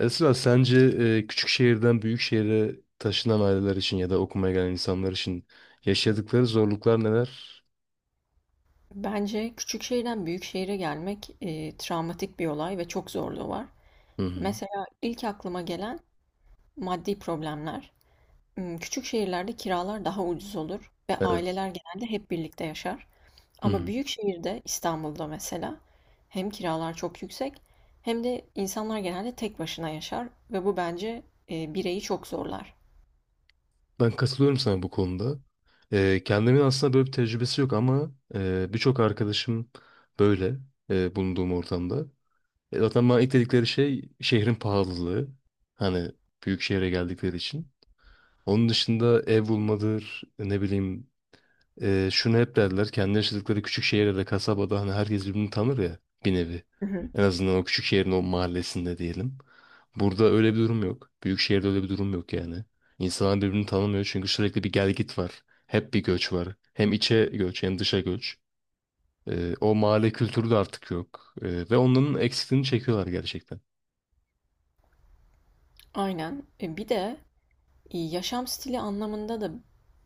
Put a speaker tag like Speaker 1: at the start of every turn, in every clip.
Speaker 1: Esra, sence küçük şehirden büyük şehire taşınan aileler için ya da okumaya gelen insanlar için yaşadıkları zorluklar neler?
Speaker 2: Bence küçük şehirden büyük şehire gelmek, travmatik bir olay ve çok zorluğu var.
Speaker 1: Hı hı.
Speaker 2: Mesela ilk aklıma gelen maddi problemler. Küçük şehirlerde kiralar daha ucuz olur ve
Speaker 1: Evet.
Speaker 2: aileler genelde hep birlikte yaşar.
Speaker 1: Hı
Speaker 2: Ama
Speaker 1: hı.
Speaker 2: büyük şehirde, İstanbul'da mesela, hem kiralar çok yüksek hem de insanlar genelde tek başına yaşar ve bu bence bireyi çok zorlar.
Speaker 1: Ben katılıyorum sana bu konuda. Kendimin aslında böyle bir tecrübesi yok ama birçok arkadaşım böyle bulunduğum ortamda. Zaten bana ilk dedikleri şey şehrin pahalılığı. Hani büyük şehre geldikleri için. Onun dışında ev bulmadır, ne bileyim. Şunu hep derler, kendi yaşadıkları küçük şehirde de kasabada hani herkes birbirini tanır ya, bir nevi.
Speaker 2: Hı hı.
Speaker 1: En azından o küçük şehrin o mahallesinde diyelim. Burada öyle bir durum yok. Büyük şehirde öyle bir durum yok yani. İnsanlar birbirini tanımıyor çünkü sürekli bir gel git var. Hep bir göç var. Hem içe göç hem dışa göç. O mahalle kültürü de artık yok. Ve onların eksikliğini çekiyorlar gerçekten.
Speaker 2: Aynen. Bir de yaşam stili anlamında da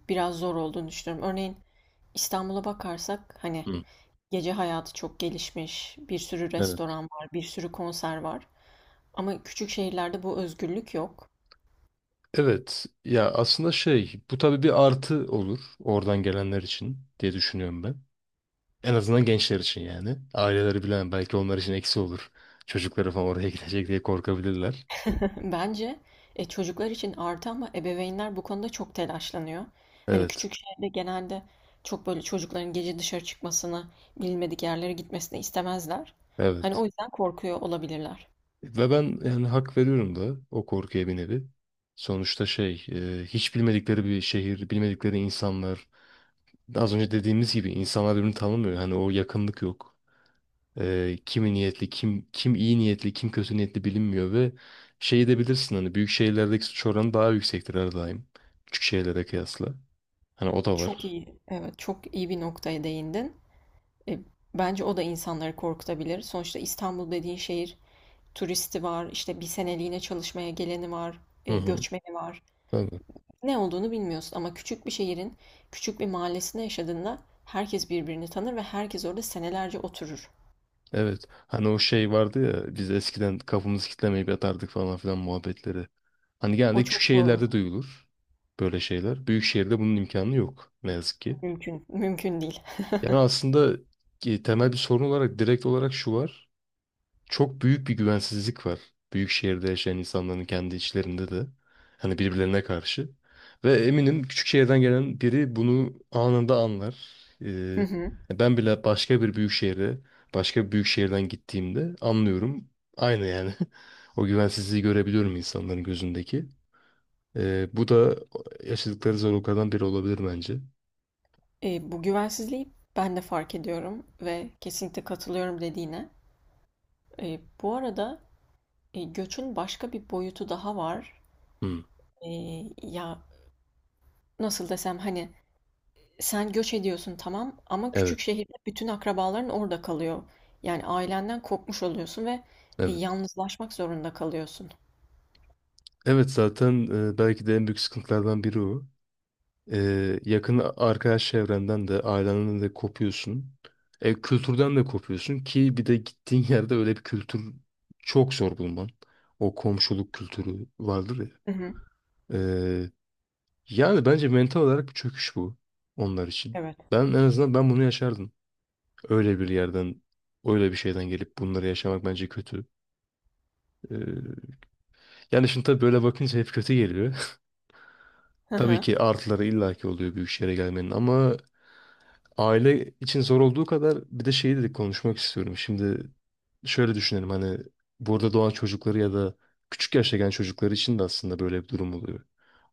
Speaker 2: biraz zor olduğunu düşünüyorum. Örneğin İstanbul'a bakarsak hani
Speaker 1: Hı,
Speaker 2: gece hayatı çok gelişmiş, bir sürü
Speaker 1: evet.
Speaker 2: restoran var, bir sürü konser var. Ama küçük şehirlerde bu özgürlük yok.
Speaker 1: Evet. Ya aslında şey, bu tabii bir artı olur oradan gelenler için diye düşünüyorum ben. En azından gençler için yani. Aileleri bilen belki onlar için eksi olur. Çocukları falan oraya gidecek diye korkabilirler.
Speaker 2: Bence çocuklar için artı ama ebeveynler bu konuda çok telaşlanıyor. Hani
Speaker 1: Evet,
Speaker 2: küçük şehirde genelde çok böyle çocukların gece dışarı çıkmasını, bilmedik yerlere gitmesini istemezler. Hani
Speaker 1: evet.
Speaker 2: o yüzden korkuyor olabilirler.
Speaker 1: Ve ben yani hak veriyorum da o korkuya bir nevi. Sonuçta şey, hiç bilmedikleri bir şehir, bilmedikleri insanlar. Az önce dediğimiz gibi insanlar birbirini tanımıyor. Hani o yakınlık yok. Kimi niyetli, kim iyi niyetli, kim kötü niyetli bilinmiyor ve şeyi de bilirsin hani, büyük şehirlerdeki suç oranı daha yüksektir her daim. Küçük şehirlere kıyasla. Hani o da
Speaker 2: Çok
Speaker 1: var.
Speaker 2: iyi, evet çok iyi bir noktaya değindin. E, Bence o da insanları korkutabilir. Sonuçta İstanbul dediğin şehir turisti var, işte bir seneliğine çalışmaya geleni var,
Speaker 1: Hı hı.
Speaker 2: göçmeni var.
Speaker 1: Tabii.
Speaker 2: Ne olduğunu bilmiyorsun ama küçük bir şehrin küçük bir mahallesinde yaşadığında herkes birbirini tanır ve herkes orada senelerce oturur.
Speaker 1: Evet. Hani o şey vardı ya, biz eskiden kafamızı kitlemeyip yatardık falan filan muhabbetleri. Hani
Speaker 2: O
Speaker 1: genelde küçük
Speaker 2: çok doğru.
Speaker 1: şehirlerde duyulur böyle şeyler. Büyük şehirde bunun imkanı yok ne yazık ki.
Speaker 2: Mümkün, mümkün değil.
Speaker 1: Yani aslında temel bir sorun olarak direkt olarak şu var, çok büyük bir güvensizlik var. Büyük şehirde yaşayan insanların kendi içlerinde de. Hani birbirlerine karşı. Ve eminim küçük şehirden gelen biri bunu anında anlar.
Speaker 2: Hı
Speaker 1: Ee,
Speaker 2: hı.
Speaker 1: Ben bile başka bir büyük şehre, başka bir büyük şehirden gittiğimde anlıyorum. Aynı yani. O güvensizliği görebiliyorum insanların gözündeki. Bu da yaşadıkları zorluklardan biri olabilir bence.
Speaker 2: Bu güvensizliği ben de fark ediyorum ve kesinlikle katılıyorum dediğine. Bu arada göçün başka bir boyutu daha var.
Speaker 1: Hmm,
Speaker 2: E, ya nasıl desem hani sen göç ediyorsun tamam ama
Speaker 1: evet,
Speaker 2: küçük şehirde bütün akrabaların orada kalıyor. Yani ailenden kopmuş oluyorsun ve
Speaker 1: evet.
Speaker 2: yalnızlaşmak zorunda kalıyorsun.
Speaker 1: Evet zaten belki de en büyük sıkıntılardan biri o. Yakın arkadaş çevrenden de ailenden de kopuyorsun. Kültürden de kopuyorsun ki, bir de gittiğin yerde öyle bir kültür çok zor bulman. O komşuluk kültürü vardır ya.
Speaker 2: Hı hı.
Speaker 1: Ee, Yani bence mental olarak bir çöküş bu onlar için.
Speaker 2: Evet.
Speaker 1: En azından ben bunu yaşardım. Öyle bir yerden, öyle bir şeyden gelip bunları yaşamak bence kötü. Ee, Yani şimdi tabii böyle bakınca hep kötü geliyor.
Speaker 2: Hı
Speaker 1: Tabii
Speaker 2: hı.
Speaker 1: ki artıları illaki oluyor büyük şehre gelmenin ama aile için zor olduğu kadar bir de şeyi dedik, konuşmak istiyorum. Şimdi şöyle düşünelim, hani burada doğan çocukları ya da küçük yaşta gelen çocukları için de aslında böyle bir durum oluyor.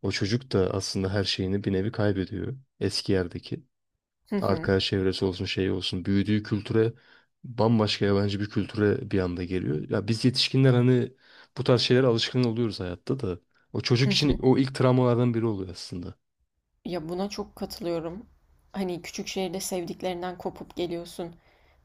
Speaker 1: O çocuk da aslında her şeyini bir nevi kaybediyor. Eski yerdeki
Speaker 2: Hı hı.
Speaker 1: arkadaş çevresi olsun, şey olsun, büyüdüğü kültüre, bambaşka yabancı bir kültüre bir anda geliyor. Ya biz yetişkinler hani bu tarz şeylere alışkın oluyoruz hayatta da. O
Speaker 2: Hı
Speaker 1: çocuk için
Speaker 2: hı.
Speaker 1: o ilk travmalardan biri oluyor aslında.
Speaker 2: Ya buna çok katılıyorum. Hani küçük şehirde sevdiklerinden kopup geliyorsun.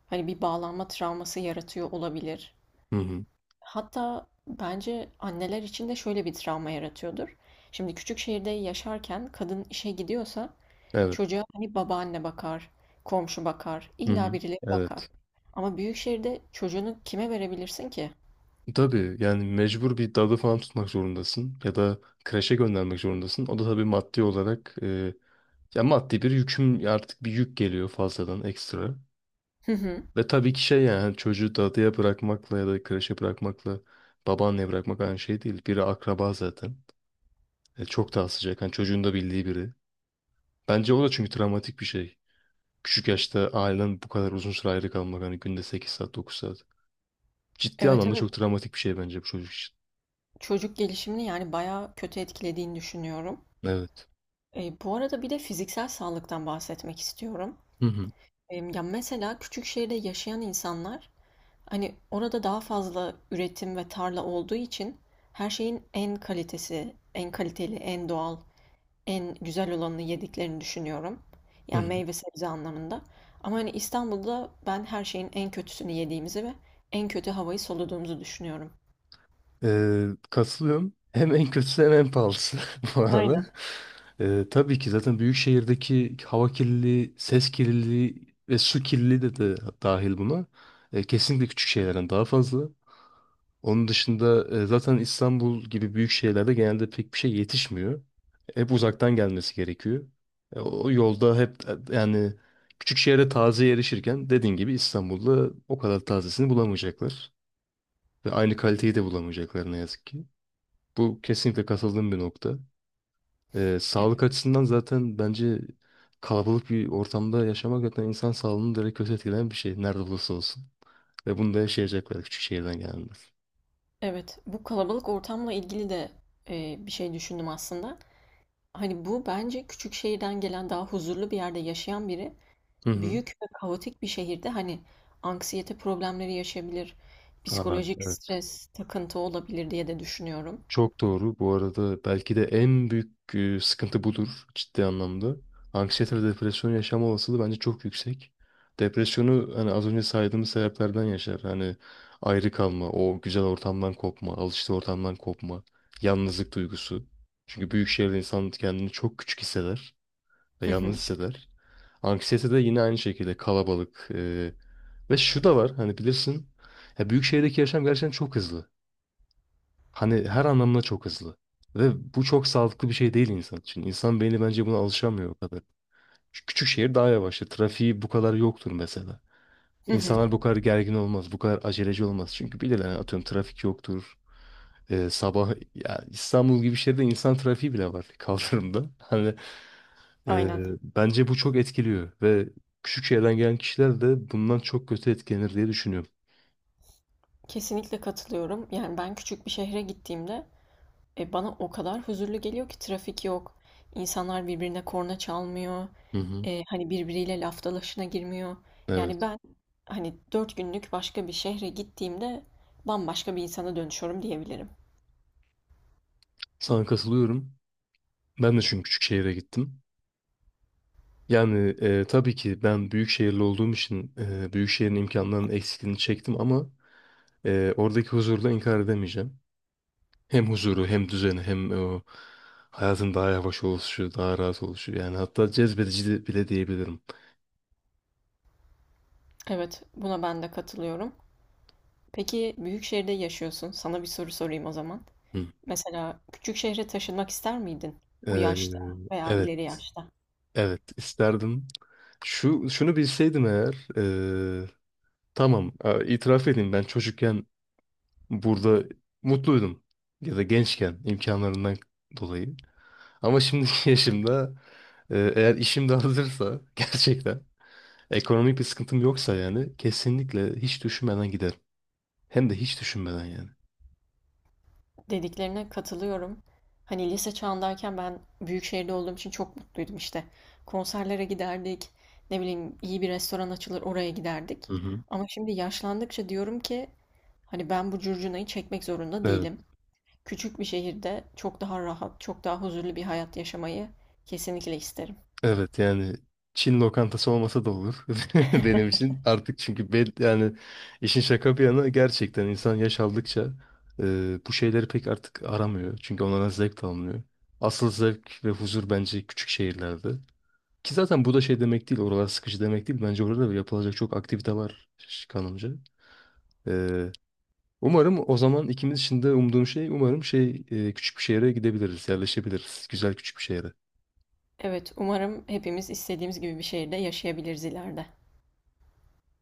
Speaker 2: Hani bir bağlanma travması yaratıyor olabilir.
Speaker 1: Hı hı.
Speaker 2: Hatta bence anneler için de şöyle bir travma yaratıyordur. Şimdi küçük şehirde yaşarken kadın işe gidiyorsa
Speaker 1: Evet.
Speaker 2: çocuğa hani babaanne bakar, komşu bakar,
Speaker 1: Hı
Speaker 2: illa
Speaker 1: hı.
Speaker 2: birileri
Speaker 1: Evet.
Speaker 2: bakar. Ama büyük şehirde çocuğunu kime verebilirsin ki?
Speaker 1: Tabii yani mecbur bir dalı falan tutmak zorundasın ya da kreşe göndermek zorundasın. O da tabii maddi olarak ya maddi bir yüküm, artık bir yük geliyor fazladan ekstra.
Speaker 2: Hı hı.
Speaker 1: Ve tabii ki şey, yani hani çocuğu dadıya bırakmakla ya da kreşe bırakmakla babaanneye bırakmak aynı şey değil. Biri akraba zaten. Çok daha sıcak. Yani çocuğun da bildiği biri. Bence o da çünkü travmatik bir şey. Küçük yaşta ailen bu kadar uzun süre ayrı kalmak, hani günde 8 saat, 9 saat. Ciddi
Speaker 2: Evet,
Speaker 1: anlamda
Speaker 2: evet.
Speaker 1: çok travmatik bir şey bence bu çocuk için.
Speaker 2: Çocuk gelişimini yani bayağı kötü etkilediğini düşünüyorum.
Speaker 1: Evet.
Speaker 2: Bu arada bir de fiziksel sağlıktan bahsetmek istiyorum.
Speaker 1: Hı hı.
Speaker 2: Ya mesela küçük şehirde yaşayan insanlar hani orada daha fazla üretim ve tarla olduğu için her şeyin en kalitesi, en kaliteli, en doğal en güzel olanını yediklerini düşünüyorum.
Speaker 1: Hı
Speaker 2: Yani
Speaker 1: hı.
Speaker 2: meyve sebze anlamında. Ama hani İstanbul'da ben her şeyin en kötüsünü yediğimizi ve en kötü havayı soluduğumuzu düşünüyorum.
Speaker 1: Katılıyorum. Hem en kötüsü hem en pahalısı bu arada.
Speaker 2: Aynen.
Speaker 1: Tabii ki zaten büyük şehirdeki hava kirliliği, ses kirliliği ve su kirliliği de dahil buna. Kesinlikle küçük şehirlerden daha fazla. Onun dışında zaten İstanbul gibi büyük şehirlerde genelde pek bir şey yetişmiyor. Hep uzaktan gelmesi gerekiyor. E, o yolda hep e, yani küçük şehre taze erişirken dediğin gibi İstanbul'da o kadar tazesini bulamayacaklar. Ve aynı kaliteyi de bulamayacaklar ne yazık ki. Bu kesinlikle katıldığım bir nokta. Sağlık
Speaker 2: Evet.
Speaker 1: açısından zaten bence kalabalık bir ortamda yaşamak zaten insan sağlığını direkt kötü etkileyen bir şey. Nerede olursa olsun. Ve bunu da yaşayacaklar küçük şehirden gelenler.
Speaker 2: Evet, bu kalabalık ortamla ilgili de bir şey düşündüm aslında. Hani bu bence küçük şehirden gelen daha huzurlu bir yerde yaşayan biri
Speaker 1: Hı hı.
Speaker 2: büyük ve kaotik bir şehirde hani anksiyete problemleri yaşayabilir,
Speaker 1: Aa,
Speaker 2: psikolojik
Speaker 1: evet.
Speaker 2: stres, takıntı olabilir diye de düşünüyorum.
Speaker 1: Çok doğru. Bu arada belki de en büyük sıkıntı budur ciddi anlamda. Anksiyete ve depresyon yaşama olasılığı bence çok yüksek. Depresyonu hani az önce saydığımız sebeplerden yaşar. Hani ayrı kalma, o güzel ortamdan kopma, alıştığı ortamdan kopma, yalnızlık duygusu. Çünkü büyük şehirde insan kendini çok küçük hisseder ve
Speaker 2: Hı
Speaker 1: yalnız
Speaker 2: hı.
Speaker 1: hisseder. Anksiyete de yine aynı şekilde kalabalık. Ve şu da var, hani bilirsin. Ya büyük şehirdeki yaşam gerçekten çok hızlı. Hani her anlamda çok hızlı. Ve bu çok sağlıklı bir şey değil insan için. İnsan beyni bence buna alışamıyor o kadar. Şu küçük şehir daha yavaştır. Trafiği bu kadar yoktur mesela.
Speaker 2: Hı hı.
Speaker 1: İnsanlar bu kadar gergin olmaz, bu kadar aceleci olmaz. Çünkü bilirler yani, atıyorum trafik yoktur. Sabah ya, İstanbul gibi şehirde insan trafiği bile var kaldırımda. E,
Speaker 2: Aynen.
Speaker 1: Bence bu çok etkiliyor ve küçük şehirden gelen kişiler de bundan çok kötü etkilenir diye düşünüyorum.
Speaker 2: Kesinlikle katılıyorum. Yani ben küçük bir şehre gittiğimde bana o kadar huzurlu geliyor ki trafik yok. İnsanlar birbirine korna çalmıyor.
Speaker 1: Hı hı.
Speaker 2: Hani birbiriyle laf dalaşına girmiyor. Yani
Speaker 1: Evet.
Speaker 2: ben hani 4 günlük başka bir şehre gittiğimde bambaşka bir insana dönüşüyorum diyebilirim.
Speaker 1: Sana katılıyorum. Ben de çünkü küçük şehire gittim. Yani tabii ki ben büyük şehirli olduğum için büyük şehrin imkanlarının eksikliğini çektim ama oradaki huzurla inkar edemeyeceğim. Hem huzuru hem düzeni hem o hayatın daha yavaş oluşu, daha rahat oluşu. Yani hatta bile diyebilirim.
Speaker 2: Evet, buna ben de katılıyorum. Peki büyük şehirde yaşıyorsun. Sana bir soru sorayım o zaman.
Speaker 1: Hı.
Speaker 2: Mesela küçük şehre taşınmak ister miydin? Bu
Speaker 1: E,
Speaker 2: yaşta veya
Speaker 1: evet,
Speaker 2: ileri yaşta?
Speaker 1: evet isterdim. Şunu bilseydim eğer, e, tamam itiraf edeyim, ben çocukken burada mutluydum ya da gençken imkanlarından dolayı. Ama şimdiki yaşımda, eğer işim de hazırsa gerçekten, ekonomik bir sıkıntım yoksa, yani kesinlikle hiç düşünmeden giderim. Hem de hiç düşünmeden yani.
Speaker 2: Dediklerine katılıyorum. Hani lise çağındayken ben büyük şehirde olduğum için çok mutluydum işte. Konserlere giderdik, ne bileyim iyi bir restoran açılır oraya giderdik.
Speaker 1: Hı hı.
Speaker 2: Ama şimdi yaşlandıkça diyorum ki hani ben bu curcunayı çekmek zorunda
Speaker 1: Evet,
Speaker 2: değilim. Küçük bir şehirde çok daha rahat, çok daha huzurlu bir hayat yaşamayı kesinlikle isterim.
Speaker 1: evet yani Çin lokantası olmasa da olur benim için artık, çünkü ben yani işin şaka bir yana gerçekten insan yaş aldıkça bu şeyleri pek artık aramıyor çünkü onlara zevk de alınıyor. Asıl zevk ve huzur bence küçük şehirlerde. Ki zaten bu da şey demek değil, oralar sıkıcı demek değil. Bence orada da yapılacak çok aktivite var kanımca. Ee, Umarım o zaman ikimiz için de umduğum şey, umarım şey, küçük bir şehre gidebiliriz, yerleşebiliriz. Güzel küçük bir şehre.
Speaker 2: Evet, umarım hepimiz istediğimiz gibi bir şehirde yaşayabiliriz ileride.